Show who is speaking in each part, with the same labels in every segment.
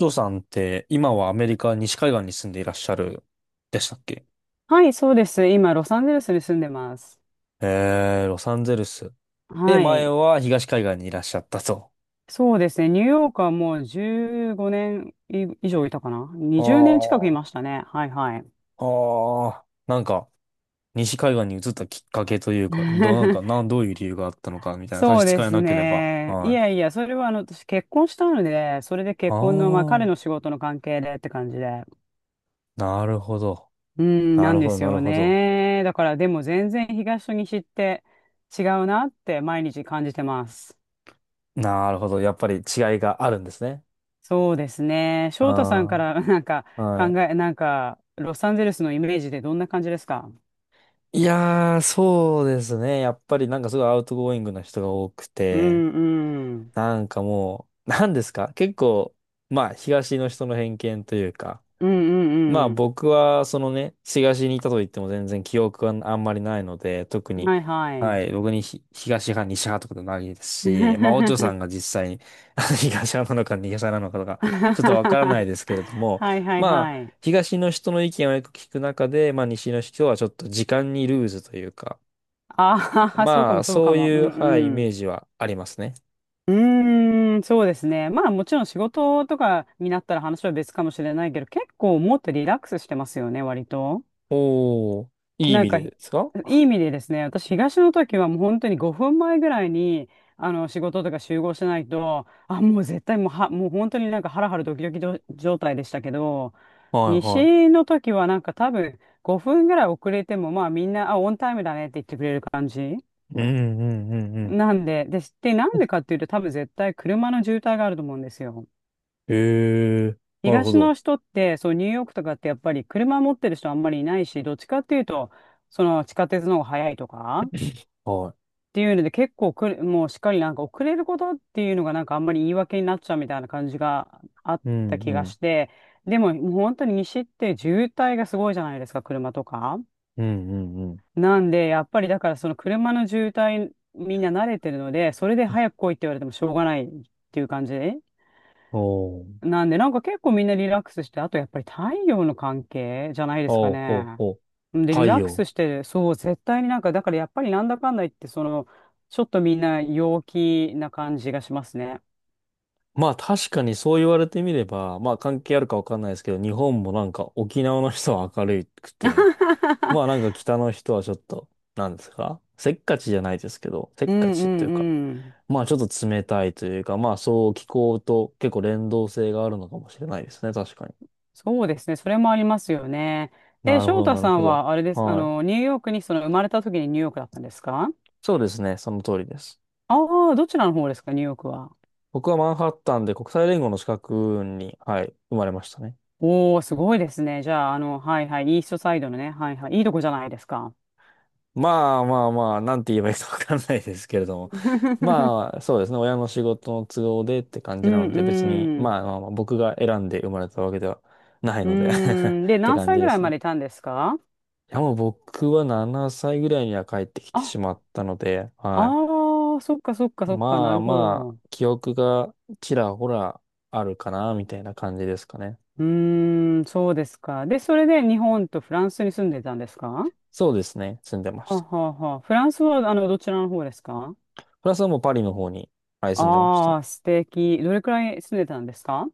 Speaker 1: ジョーさんって今はアメリカ西海岸に住んでいらっしゃるでしたっけ？
Speaker 2: はい、そうです。今、ロサンゼルスに住んでます。
Speaker 1: ロサンゼルス。で、
Speaker 2: は
Speaker 1: 前
Speaker 2: い。
Speaker 1: は東海岸にいらっしゃったと。
Speaker 2: そうですね。ニューヨークはもう15年以上いたかな。20年近く
Speaker 1: あ
Speaker 2: いましたね。はいはい。
Speaker 1: あ、ああ、なんか西海岸に移ったきっかけというか、どう、なんか、なん、どういう理由があったのかみたいな、差
Speaker 2: そう
Speaker 1: し支
Speaker 2: で
Speaker 1: え
Speaker 2: す
Speaker 1: なければ。
Speaker 2: ね。い
Speaker 1: はい。
Speaker 2: やいや、それは私結婚したので、それで
Speaker 1: あ
Speaker 2: 結婚の、まあ彼
Speaker 1: あ、
Speaker 2: の仕事の関係でって感じで。
Speaker 1: なるほど。
Speaker 2: うん、
Speaker 1: な
Speaker 2: なん
Speaker 1: るほ
Speaker 2: で
Speaker 1: ど、
Speaker 2: す
Speaker 1: なる
Speaker 2: よ
Speaker 1: ほど。
Speaker 2: ね。だからでも全然東と西って違うなって毎日感じてます。
Speaker 1: なるほど。やっぱり違いがあるんですね。
Speaker 2: そうですね。翔太さんか
Speaker 1: あ
Speaker 2: ら なんか
Speaker 1: あ、
Speaker 2: 考
Speaker 1: はい。
Speaker 2: え、なんか、ロサンゼルスのイメージでどんな感じですか？
Speaker 1: いやー、そうですね。やっぱりなんかすごいアウトゴーイングな人が多く
Speaker 2: う
Speaker 1: て、
Speaker 2: んうん。
Speaker 1: なんかもう、なんですか、結構、まあ、東の人の偏見というか、
Speaker 2: う
Speaker 1: まあ
Speaker 2: んうん
Speaker 1: 僕は、そのね、東にいたと言っても全然記憶があんまりないので、特
Speaker 2: うん。
Speaker 1: に、
Speaker 2: はいは
Speaker 1: は
Speaker 2: い。
Speaker 1: い、僕に東派、西派とかでもないですし、まあ、お嬢さ んが実際に 東派なのか西派なのかとか、ちょっとわからないですけれども、
Speaker 2: はいはい
Speaker 1: まあ、
Speaker 2: はい。
Speaker 1: 東の人の意見をよく聞く中で、まあ、西の人はちょっと時間にルーズというか、
Speaker 2: ああ、そうか
Speaker 1: ま
Speaker 2: も
Speaker 1: あ、
Speaker 2: そう
Speaker 1: そ
Speaker 2: か
Speaker 1: う
Speaker 2: も。うん
Speaker 1: いう、はい、イ
Speaker 2: う
Speaker 1: メ
Speaker 2: ん。
Speaker 1: ージはありますね。
Speaker 2: うーん、そうですね。まあもちろん仕事とかになったら話は別かもしれないけど、結構もっとリラックスしてますよね、割と。
Speaker 1: おー、いい意
Speaker 2: なん
Speaker 1: 味
Speaker 2: か、
Speaker 1: で
Speaker 2: ひ
Speaker 1: ですか？は
Speaker 2: いい意味でですね、私、東の時はもう本当に5分前ぐらいに、仕事とか集合しないと、あ、もう絶対もう本当になんかハラハラドキドキ状態でしたけど、
Speaker 1: いは
Speaker 2: 西の時はなんか多分5分ぐらい遅れても、まあみんな、あ、オンタイムだねって言ってくれる感じ。
Speaker 1: い。うんうんうんうん。
Speaker 2: なんで、なんでかっていうと多分絶対車の渋滞があると思うんですよ。
Speaker 1: へえ、なるほ
Speaker 2: 東
Speaker 1: ど。
Speaker 2: の人って、そう、ニューヨークとかってやっぱり車持ってる人あんまりいないし、どっちかっていうと、その地下鉄の方が早いとか、
Speaker 1: は
Speaker 2: っていうので結構遅れ、もうしっかりなんか遅れることっていうのがなんかあんまり言い訳になっちゃうみたいな感じがあっ
Speaker 1: い。う
Speaker 2: た
Speaker 1: ん
Speaker 2: 気が
Speaker 1: うん。
Speaker 2: して、でももう本当に西って渋滞がすごいじゃないですか、車とか。
Speaker 1: うんうんうん。
Speaker 2: なんで、やっぱりだからその車の渋滞みんな慣れてるので、それで早く来いって言われてもしょうがないっていう感じ。
Speaker 1: おー、
Speaker 2: なんで、なんか結構みんなリラックスして、あとやっぱり太陽の関係じゃないですか
Speaker 1: おー、ほう
Speaker 2: ね。
Speaker 1: ほう。
Speaker 2: で、リ
Speaker 1: 太
Speaker 2: ラック
Speaker 1: 陽。
Speaker 2: スして、そう、絶対になんか、だからやっぱりなんだかんだ言って、その、ちょっとみんな陽気な感じがしますね。
Speaker 1: まあ確かに、そう言われてみれば、まあ関係あるかわかんないですけど、日本もなんか沖縄の人は明るくて、まあなん か北の人はちょっと、なんですか、せっかちじゃないですけど、せっ
Speaker 2: うん
Speaker 1: か
Speaker 2: う
Speaker 1: ちとい
Speaker 2: ん
Speaker 1: うか、
Speaker 2: うん。
Speaker 1: まあちょっと冷たいというか、まあそう、気候と結構連動性があるのかもしれないですね、確かに。
Speaker 2: そうですね。それもありますよね。
Speaker 1: な
Speaker 2: え、
Speaker 1: るほ
Speaker 2: 翔
Speaker 1: ど、
Speaker 2: 太
Speaker 1: なる
Speaker 2: さ
Speaker 1: ほ
Speaker 2: ん
Speaker 1: ど。
Speaker 2: は、あれです。
Speaker 1: はい。
Speaker 2: ニューヨークに、生まれた時にニューヨークだったんですか？
Speaker 1: そうですね、その通りです。
Speaker 2: ああー、どちらの方ですか、ニューヨークは。
Speaker 1: 僕はマンハッタンで国際連合の資格に、はい、生まれましたね。
Speaker 2: おー、すごいですね。じゃあ、はいはい、イーストサイドのね、はいはい、いいとこじゃないですか。
Speaker 1: まあまあまあ、なんて言えばいいかわかんないですけれども。まあ、そうですね。親の仕事の都合でって感
Speaker 2: う
Speaker 1: じな
Speaker 2: ん
Speaker 1: ので、別に、
Speaker 2: う
Speaker 1: ま
Speaker 2: ん。
Speaker 1: あまあまあ、僕が選んで生まれたわけではない
Speaker 2: う
Speaker 1: ので、
Speaker 2: ーん。で、
Speaker 1: って
Speaker 2: 何
Speaker 1: 感
Speaker 2: 歳
Speaker 1: じ
Speaker 2: ぐ
Speaker 1: で
Speaker 2: らい
Speaker 1: すね。
Speaker 2: ま
Speaker 1: い
Speaker 2: でいたんですか？
Speaker 1: や、もう僕は7歳ぐらいには帰ってきて
Speaker 2: あ、
Speaker 1: しまったので、はい。
Speaker 2: ああ、そっかそっかそっか、な
Speaker 1: まあ
Speaker 2: るほ
Speaker 1: まあ、
Speaker 2: ど。
Speaker 1: 記憶がちらほらあるかな、みたいな感じですかね。
Speaker 2: うーん、そうですか。で、それで日本とフランスに住んでたんですか？は
Speaker 1: そうですね。住んでま
Speaker 2: あ
Speaker 1: し
Speaker 2: は
Speaker 1: た。
Speaker 2: あはあ。フランスは、どちらの方ですか？
Speaker 1: プラスはもうパリの方に、はい、住んでました。
Speaker 2: ああー、素敵。どれくらい住んでたんですか？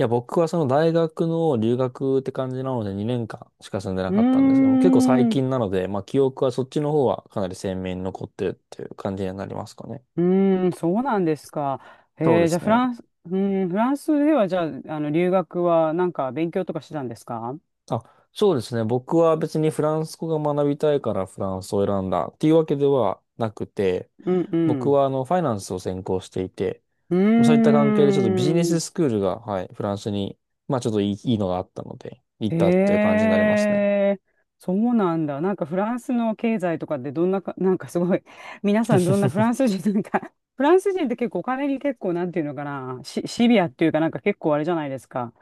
Speaker 1: いや、僕はその大学の留学って感じなので2年間しか住んでな
Speaker 2: うー
Speaker 1: かったんですけども、結構最
Speaker 2: ん。う
Speaker 1: 近なので、まあ記憶はそっちの方はかなり鮮明に残ってるっていう感じになりますかね。
Speaker 2: ーん、そうなんですか。
Speaker 1: そうで
Speaker 2: へじゃあ
Speaker 1: す
Speaker 2: フ
Speaker 1: ね。
Speaker 2: ランス、うーん、フランスでは、じゃあ、留学はなんか勉強とかしてたんですか？
Speaker 1: あ、そうですね。僕は別にフランス語が学びたいからフランスを選んだっていうわけではなくて、
Speaker 2: うんう
Speaker 1: 僕
Speaker 2: ん。
Speaker 1: はあのファイナンスを専攻していて、
Speaker 2: う
Speaker 1: そういった関係でちょっとビジネ
Speaker 2: ーん。
Speaker 1: ススクールが、はい、フランスに、まあちょっといいのがあったので、行っ
Speaker 2: へ
Speaker 1: たっていう感じになりますね。
Speaker 2: え。そうなんだ。なんかフランスの経済とかってどんなか、なんかすごい、皆さん どんなフランス人、なんか、フランス人って結構お金に結構、なんていうのかな、シビアっていうかなんか結構あれじゃないですか。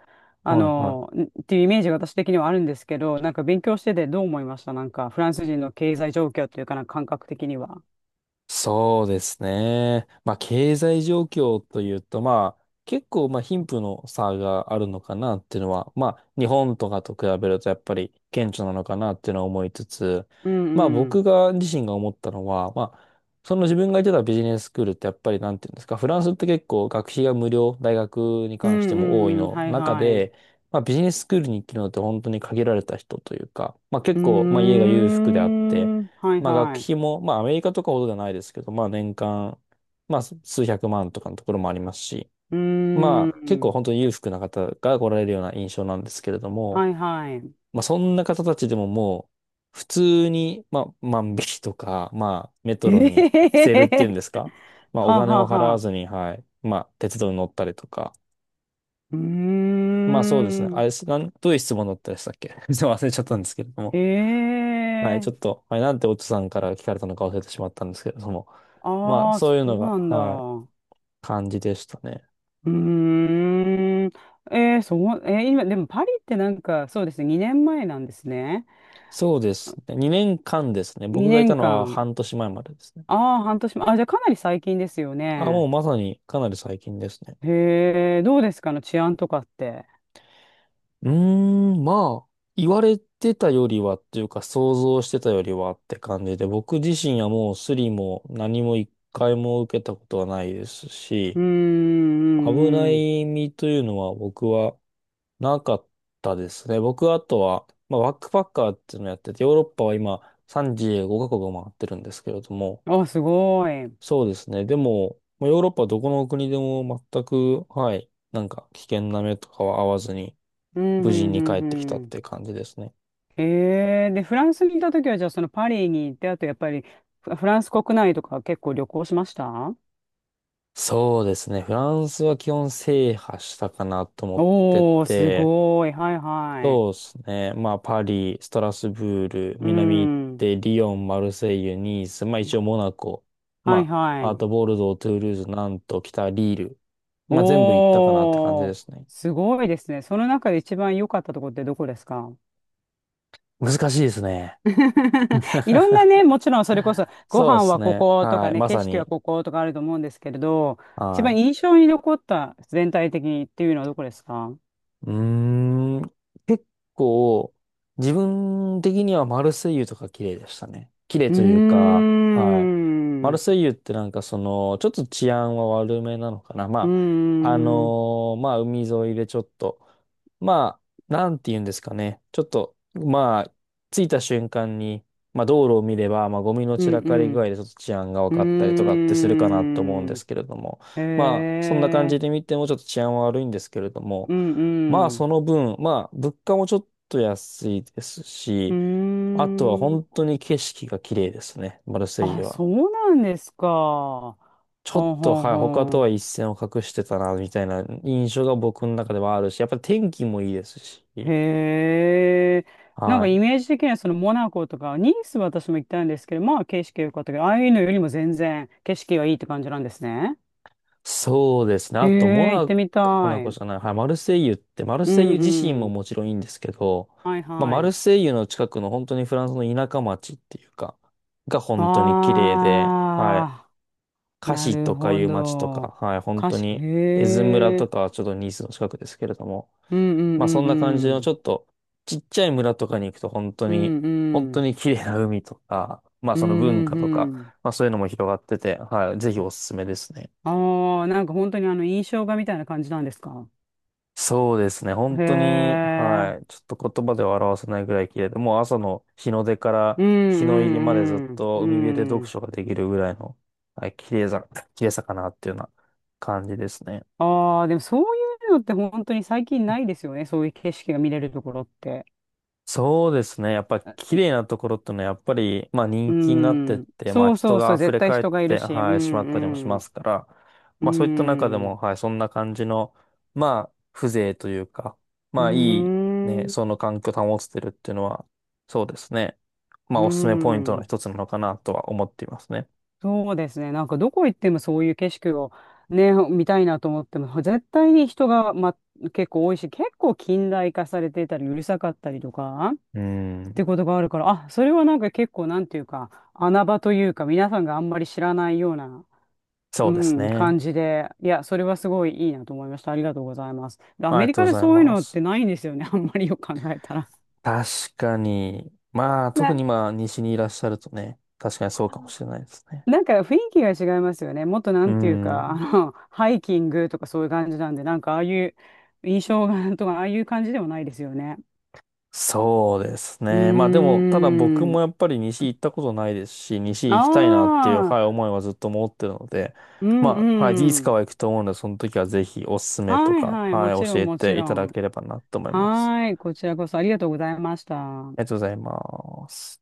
Speaker 1: はいはい。
Speaker 2: んっていうイメージが私的にはあるんですけど、なんか勉強しててどう思いました？なんかフランス人の経済状況っていうかなんか感覚的には。
Speaker 1: そうですね。まあ、経済状況というと、まあ、結構、まあ、貧富の差があるのかなっていうのは、まあ、日本とかと比べるとやっぱり顕著なのかなっていうのは思いつつ、
Speaker 2: うん
Speaker 1: まあ、
Speaker 2: う
Speaker 1: 僕
Speaker 2: ん。
Speaker 1: が自身が思ったのは、まあ、その自分が行ってたビジネススクールってやっぱりなんていうんですか、フランスって結構学費が無料、大学に
Speaker 2: う
Speaker 1: 関し
Speaker 2: ん
Speaker 1: て
Speaker 2: う
Speaker 1: も多い
Speaker 2: んうん。
Speaker 1: の
Speaker 2: はい
Speaker 1: 中
Speaker 2: はい。う
Speaker 1: で、まあ、ビジネススクールに行けるのって本当に限られた人というか、まあ、
Speaker 2: ー
Speaker 1: 結構、まあ、家が裕福であって、
Speaker 2: ん。はい
Speaker 1: まあ学
Speaker 2: はい。
Speaker 1: 費も、まあアメリカとかほどじゃないですけど、まあ年間、まあ数百万とかのところもありますし、
Speaker 2: う
Speaker 1: ま
Speaker 2: ー
Speaker 1: あ結構
Speaker 2: ん。
Speaker 1: 本当に裕福な方が来られるような印象なんですけれども、
Speaker 2: はいはい。
Speaker 1: まあそんな方たちでももう普通に、まあ万引きとか、まあメ
Speaker 2: え
Speaker 1: トロ
Speaker 2: えへ
Speaker 1: に着せ
Speaker 2: へ
Speaker 1: るっ
Speaker 2: へ
Speaker 1: ていうん
Speaker 2: へ
Speaker 1: ですか、まあ
Speaker 2: は
Speaker 1: お
Speaker 2: あ
Speaker 1: 金
Speaker 2: はあ
Speaker 1: を払
Speaker 2: は
Speaker 1: わ
Speaker 2: あ。
Speaker 1: ずに、はい、まあ鉄道に乗ったりとか、
Speaker 2: うー
Speaker 1: まあそうですね、あ
Speaker 2: ん。
Speaker 1: れ、なん、どういう質問だったでしたっけ？ すいません、忘れちゃったんですけれど
Speaker 2: え
Speaker 1: も。はい、ち
Speaker 2: え
Speaker 1: ょっと、はい、なんてオッチさんから聞かれたのか忘れてしまったんですけれども、まあ、
Speaker 2: ああ、
Speaker 1: そ
Speaker 2: そ
Speaker 1: ういうの
Speaker 2: う
Speaker 1: が、
Speaker 2: なんだ。
Speaker 1: はい、
Speaker 2: う
Speaker 1: 感じでしたね。
Speaker 2: ーん。そう、今、でもパリってなんか、そうですね、2年前なんですね。
Speaker 1: そうですね。2年間ですね。僕がい
Speaker 2: 2
Speaker 1: たの
Speaker 2: 年
Speaker 1: は
Speaker 2: 間。
Speaker 1: 半年前までですね。
Speaker 2: ああ、半年前。あ、じゃあかなり最近ですよ
Speaker 1: あ、もう
Speaker 2: ね。
Speaker 1: まさにかなり最近ですね。
Speaker 2: へえ、どうですかの治安とかって。
Speaker 1: うーん、まあ、言われてたよりはっていうか、想像してたよりはって感じで、僕自身はもうスリも何も一回も受けたことはないです
Speaker 2: う
Speaker 1: し、
Speaker 2: ーん、うん、
Speaker 1: 危な
Speaker 2: うん。
Speaker 1: い身というのは僕はなかったですね。僕はあとは、まあ、バックパッカーっていうのをやってて、ヨーロッパは今35カ国を回ってるんですけれども、
Speaker 2: あ、すごい。うん、
Speaker 1: そうですね。でも、まあ、ヨーロッパはどこの国でも全く、はい、なんか危険な目とかは合わずに、
Speaker 2: うん、う
Speaker 1: 無事に帰
Speaker 2: ん、
Speaker 1: ってきた
Speaker 2: う
Speaker 1: っ
Speaker 2: ん。
Speaker 1: ていう感じですね。
Speaker 2: で、フランスにいた時は、じゃあ、そのパリに行って、あと、やっぱり、フランス国内とか結構旅行しました？
Speaker 1: そうですね。フランスは基本制覇したかなと思って
Speaker 2: おー、す
Speaker 1: て、
Speaker 2: ごい。はいはい。
Speaker 1: そうですね。まあ、パリ、ストラスブール、
Speaker 2: う
Speaker 1: 南行っ
Speaker 2: ん。
Speaker 1: て、リヨン、マルセイユ、ニース、まあ一応モナコ、
Speaker 2: はい
Speaker 1: ま
Speaker 2: は
Speaker 1: あ、あ
Speaker 2: い。
Speaker 1: とボルドー、トゥールーズ、ナント、北リール。まあ全部行ったかなって感じ
Speaker 2: お
Speaker 1: で
Speaker 2: ー、
Speaker 1: すね。
Speaker 2: すごいですね。その中で一番良かったところってどこですか？
Speaker 1: 難しいですね。
Speaker 2: いろんなね、もちろんそれこそ、ご
Speaker 1: そうで
Speaker 2: 飯
Speaker 1: す
Speaker 2: はこ
Speaker 1: ね。
Speaker 2: こと
Speaker 1: は
Speaker 2: か
Speaker 1: い。
Speaker 2: ね、
Speaker 1: ま
Speaker 2: 景
Speaker 1: さ
Speaker 2: 色は
Speaker 1: に。
Speaker 2: こことかあると思うんですけれど、一
Speaker 1: は
Speaker 2: 番
Speaker 1: い。
Speaker 2: 印象に残った、全体的にっていうのはどこですか？う
Speaker 1: うーん。結構、自分的にはマルセイユとか綺麗でしたね。綺麗という
Speaker 2: ー
Speaker 1: か、はい。マ
Speaker 2: ん。
Speaker 1: ルセイユってなんかその、ちょっと治安は悪めなのかな。
Speaker 2: うー
Speaker 1: まあ、あ
Speaker 2: ん、うん
Speaker 1: のー、まあ、海沿いでちょっと、まあ、なんて言うんですかね。ちょっと、まあ、着いた瞬間に、まあ、道路を見れば、まあ、ゴミの
Speaker 2: う
Speaker 1: 散らかり具合
Speaker 2: ん、
Speaker 1: でちょっと治安が分
Speaker 2: うー
Speaker 1: かったりとかってするかなと思うんで
Speaker 2: ん、
Speaker 1: すけれども、
Speaker 2: へ
Speaker 1: まあ、そんな感じ
Speaker 2: え、
Speaker 1: で見てもちょっと治安は悪いんですけれども、
Speaker 2: うんう
Speaker 1: まあ
Speaker 2: ん、
Speaker 1: その分、まあ物価もちょっと安いです
Speaker 2: う
Speaker 1: し、
Speaker 2: ー
Speaker 1: あとは本
Speaker 2: ん、
Speaker 1: 当に景色が綺麗ですね、マルセイユ
Speaker 2: あ、
Speaker 1: は。
Speaker 2: そうなんですか。
Speaker 1: ちょっ
Speaker 2: ほん
Speaker 1: と、
Speaker 2: ほん
Speaker 1: はい、
Speaker 2: ほ
Speaker 1: 他とは
Speaker 2: ん。
Speaker 1: 一線を画してたな、みたいな印象が僕の中ではあるし、やっぱり天気もいいですし、
Speaker 2: へえ、なん
Speaker 1: は
Speaker 2: か
Speaker 1: い。
Speaker 2: イメージ的にはそのモナコとか、ニースは私も行ったんですけど、まあ景色良かったけど、ああいうのよりも全然景色がいいって感じなんですね。
Speaker 1: そうですね。
Speaker 2: へ
Speaker 1: あと、モ
Speaker 2: え、行っ
Speaker 1: ナ
Speaker 2: て
Speaker 1: コ、
Speaker 2: みた
Speaker 1: モナコ
Speaker 2: い。
Speaker 1: じゃない、はい、マルセイユって、マル
Speaker 2: う
Speaker 1: セイ
Speaker 2: ん
Speaker 1: ユ自身
Speaker 2: う
Speaker 1: も
Speaker 2: ん。
Speaker 1: もちろんいいんですけど、
Speaker 2: はい
Speaker 1: まあ、
Speaker 2: は
Speaker 1: マル
Speaker 2: い。
Speaker 1: セイユの近くの本当にフランスの田舎町っていうか、が本当に綺麗で、はい。
Speaker 2: ああ。
Speaker 1: カ
Speaker 2: な
Speaker 1: シ
Speaker 2: る
Speaker 1: とか
Speaker 2: ほ
Speaker 1: いう町と
Speaker 2: ど。
Speaker 1: か、はい、本
Speaker 2: 歌
Speaker 1: 当
Speaker 2: 詞、
Speaker 1: に、エ
Speaker 2: へ
Speaker 1: ズ村
Speaker 2: え。
Speaker 1: とかはちょっとニースの近くですけれども、
Speaker 2: うんうん
Speaker 1: まあそ
Speaker 2: う
Speaker 1: ん
Speaker 2: ん
Speaker 1: な感じの
Speaker 2: う
Speaker 1: ち
Speaker 2: ん。
Speaker 1: ょっとちっちゃい村とかに行くと本当
Speaker 2: う
Speaker 1: に、
Speaker 2: んう
Speaker 1: 本当
Speaker 2: ん。
Speaker 1: に綺麗な海とか、まあ
Speaker 2: うん
Speaker 1: その文
Speaker 2: うん
Speaker 1: 化と
Speaker 2: う
Speaker 1: か、
Speaker 2: ん。
Speaker 1: まあそういうのも広がってて、はい、ぜひおすすめですね。
Speaker 2: ああ、なんか本当にあの印象画みたいな感じなんですか？
Speaker 1: そうですね、本
Speaker 2: へ
Speaker 1: 当に、
Speaker 2: え。
Speaker 1: はい、ちょっと言葉では表せないぐらい綺麗で、もう朝の日の出から
Speaker 2: うん
Speaker 1: 日の入りまでずっ
Speaker 2: うんう
Speaker 1: と海辺で
Speaker 2: ん。う
Speaker 1: 読
Speaker 2: ん。
Speaker 1: 書ができるぐらいの、はい、綺麗さかなっていうような感じですね。
Speaker 2: ああ、でもそういうのって本当に最近ないですよね。そういう景色が見れるところって。
Speaker 1: そうですね。やっぱ
Speaker 2: あ
Speaker 1: 綺麗なところってのはやっぱり、まあ
Speaker 2: う
Speaker 1: 人気になってっ
Speaker 2: ん。
Speaker 1: て、まあ
Speaker 2: そう
Speaker 1: 人
Speaker 2: そうそ
Speaker 1: が
Speaker 2: う。
Speaker 1: 溢
Speaker 2: 絶
Speaker 1: れ
Speaker 2: 対
Speaker 1: 返っ
Speaker 2: 人がいる
Speaker 1: て、
Speaker 2: し。う
Speaker 1: はい、しまったりもし
Speaker 2: ん
Speaker 1: ま
Speaker 2: うん。
Speaker 1: すから、
Speaker 2: う
Speaker 1: まあそういった中でも、
Speaker 2: ん。
Speaker 1: はい、そんな感じの、まあ風情というか、
Speaker 2: うー
Speaker 1: まあいいね、
Speaker 2: ん。
Speaker 1: その環境を保つてるっていうのは、そうですね。まあ
Speaker 2: う
Speaker 1: おすすめポイントの
Speaker 2: ん。
Speaker 1: 一つなのかなとは思っていますね。
Speaker 2: そうですね。なんかどこ行ってもそういう景色をね、見たいなと思っても、絶対に人が、ま、結構多いし、結構近代化されていたり、うるさかったりとか、
Speaker 1: う
Speaker 2: っ
Speaker 1: ん、
Speaker 2: てことがあるから、あ、それはなんか結構なんていうか、穴場というか、皆さんがあんまり知らないような、
Speaker 1: そ
Speaker 2: う
Speaker 1: うです
Speaker 2: ん、
Speaker 1: ね。
Speaker 2: 感じで、いや、それはすごいいいなと思いました。ありがとうございます。でア
Speaker 1: あり
Speaker 2: メ
Speaker 1: が
Speaker 2: リ
Speaker 1: とう
Speaker 2: カ
Speaker 1: ご
Speaker 2: で
Speaker 1: ざい
Speaker 2: そういう
Speaker 1: ま
Speaker 2: のっ
Speaker 1: す。
Speaker 2: てないんですよね。あんまりよく考えたら。
Speaker 1: 確かに、まあ特
Speaker 2: ね。
Speaker 1: にまあ西にいらっしゃるとね、確かにそうかもしれないですね。
Speaker 2: なんか雰囲気が違いますよね。もっとな
Speaker 1: う
Speaker 2: んていうか、
Speaker 1: ん。
Speaker 2: ハイキングとかそういう感じなんで、なんかああいう印象が とか、ああいう感じでもないですよね。
Speaker 1: そうです
Speaker 2: う
Speaker 1: ね。まあでも、
Speaker 2: ー
Speaker 1: ただ僕
Speaker 2: ん。
Speaker 1: もやっぱり西行ったことないですし、西行きたいなっていう、
Speaker 2: ああ、
Speaker 1: はい、思いはずっと持ってるので、
Speaker 2: うん
Speaker 1: まあ、はい、いつ
Speaker 2: う
Speaker 1: か
Speaker 2: ん。
Speaker 1: は行くと思うので、その時はぜひおすすめと
Speaker 2: はい
Speaker 1: か、
Speaker 2: はい、
Speaker 1: は
Speaker 2: も
Speaker 1: い、
Speaker 2: ちろ
Speaker 1: 教
Speaker 2: ん
Speaker 1: え
Speaker 2: もち
Speaker 1: てい
Speaker 2: ろ
Speaker 1: ただ
Speaker 2: ん。
Speaker 1: ければなと思います。
Speaker 2: はい、こちらこそありがとうございました。
Speaker 1: ありがとうございます。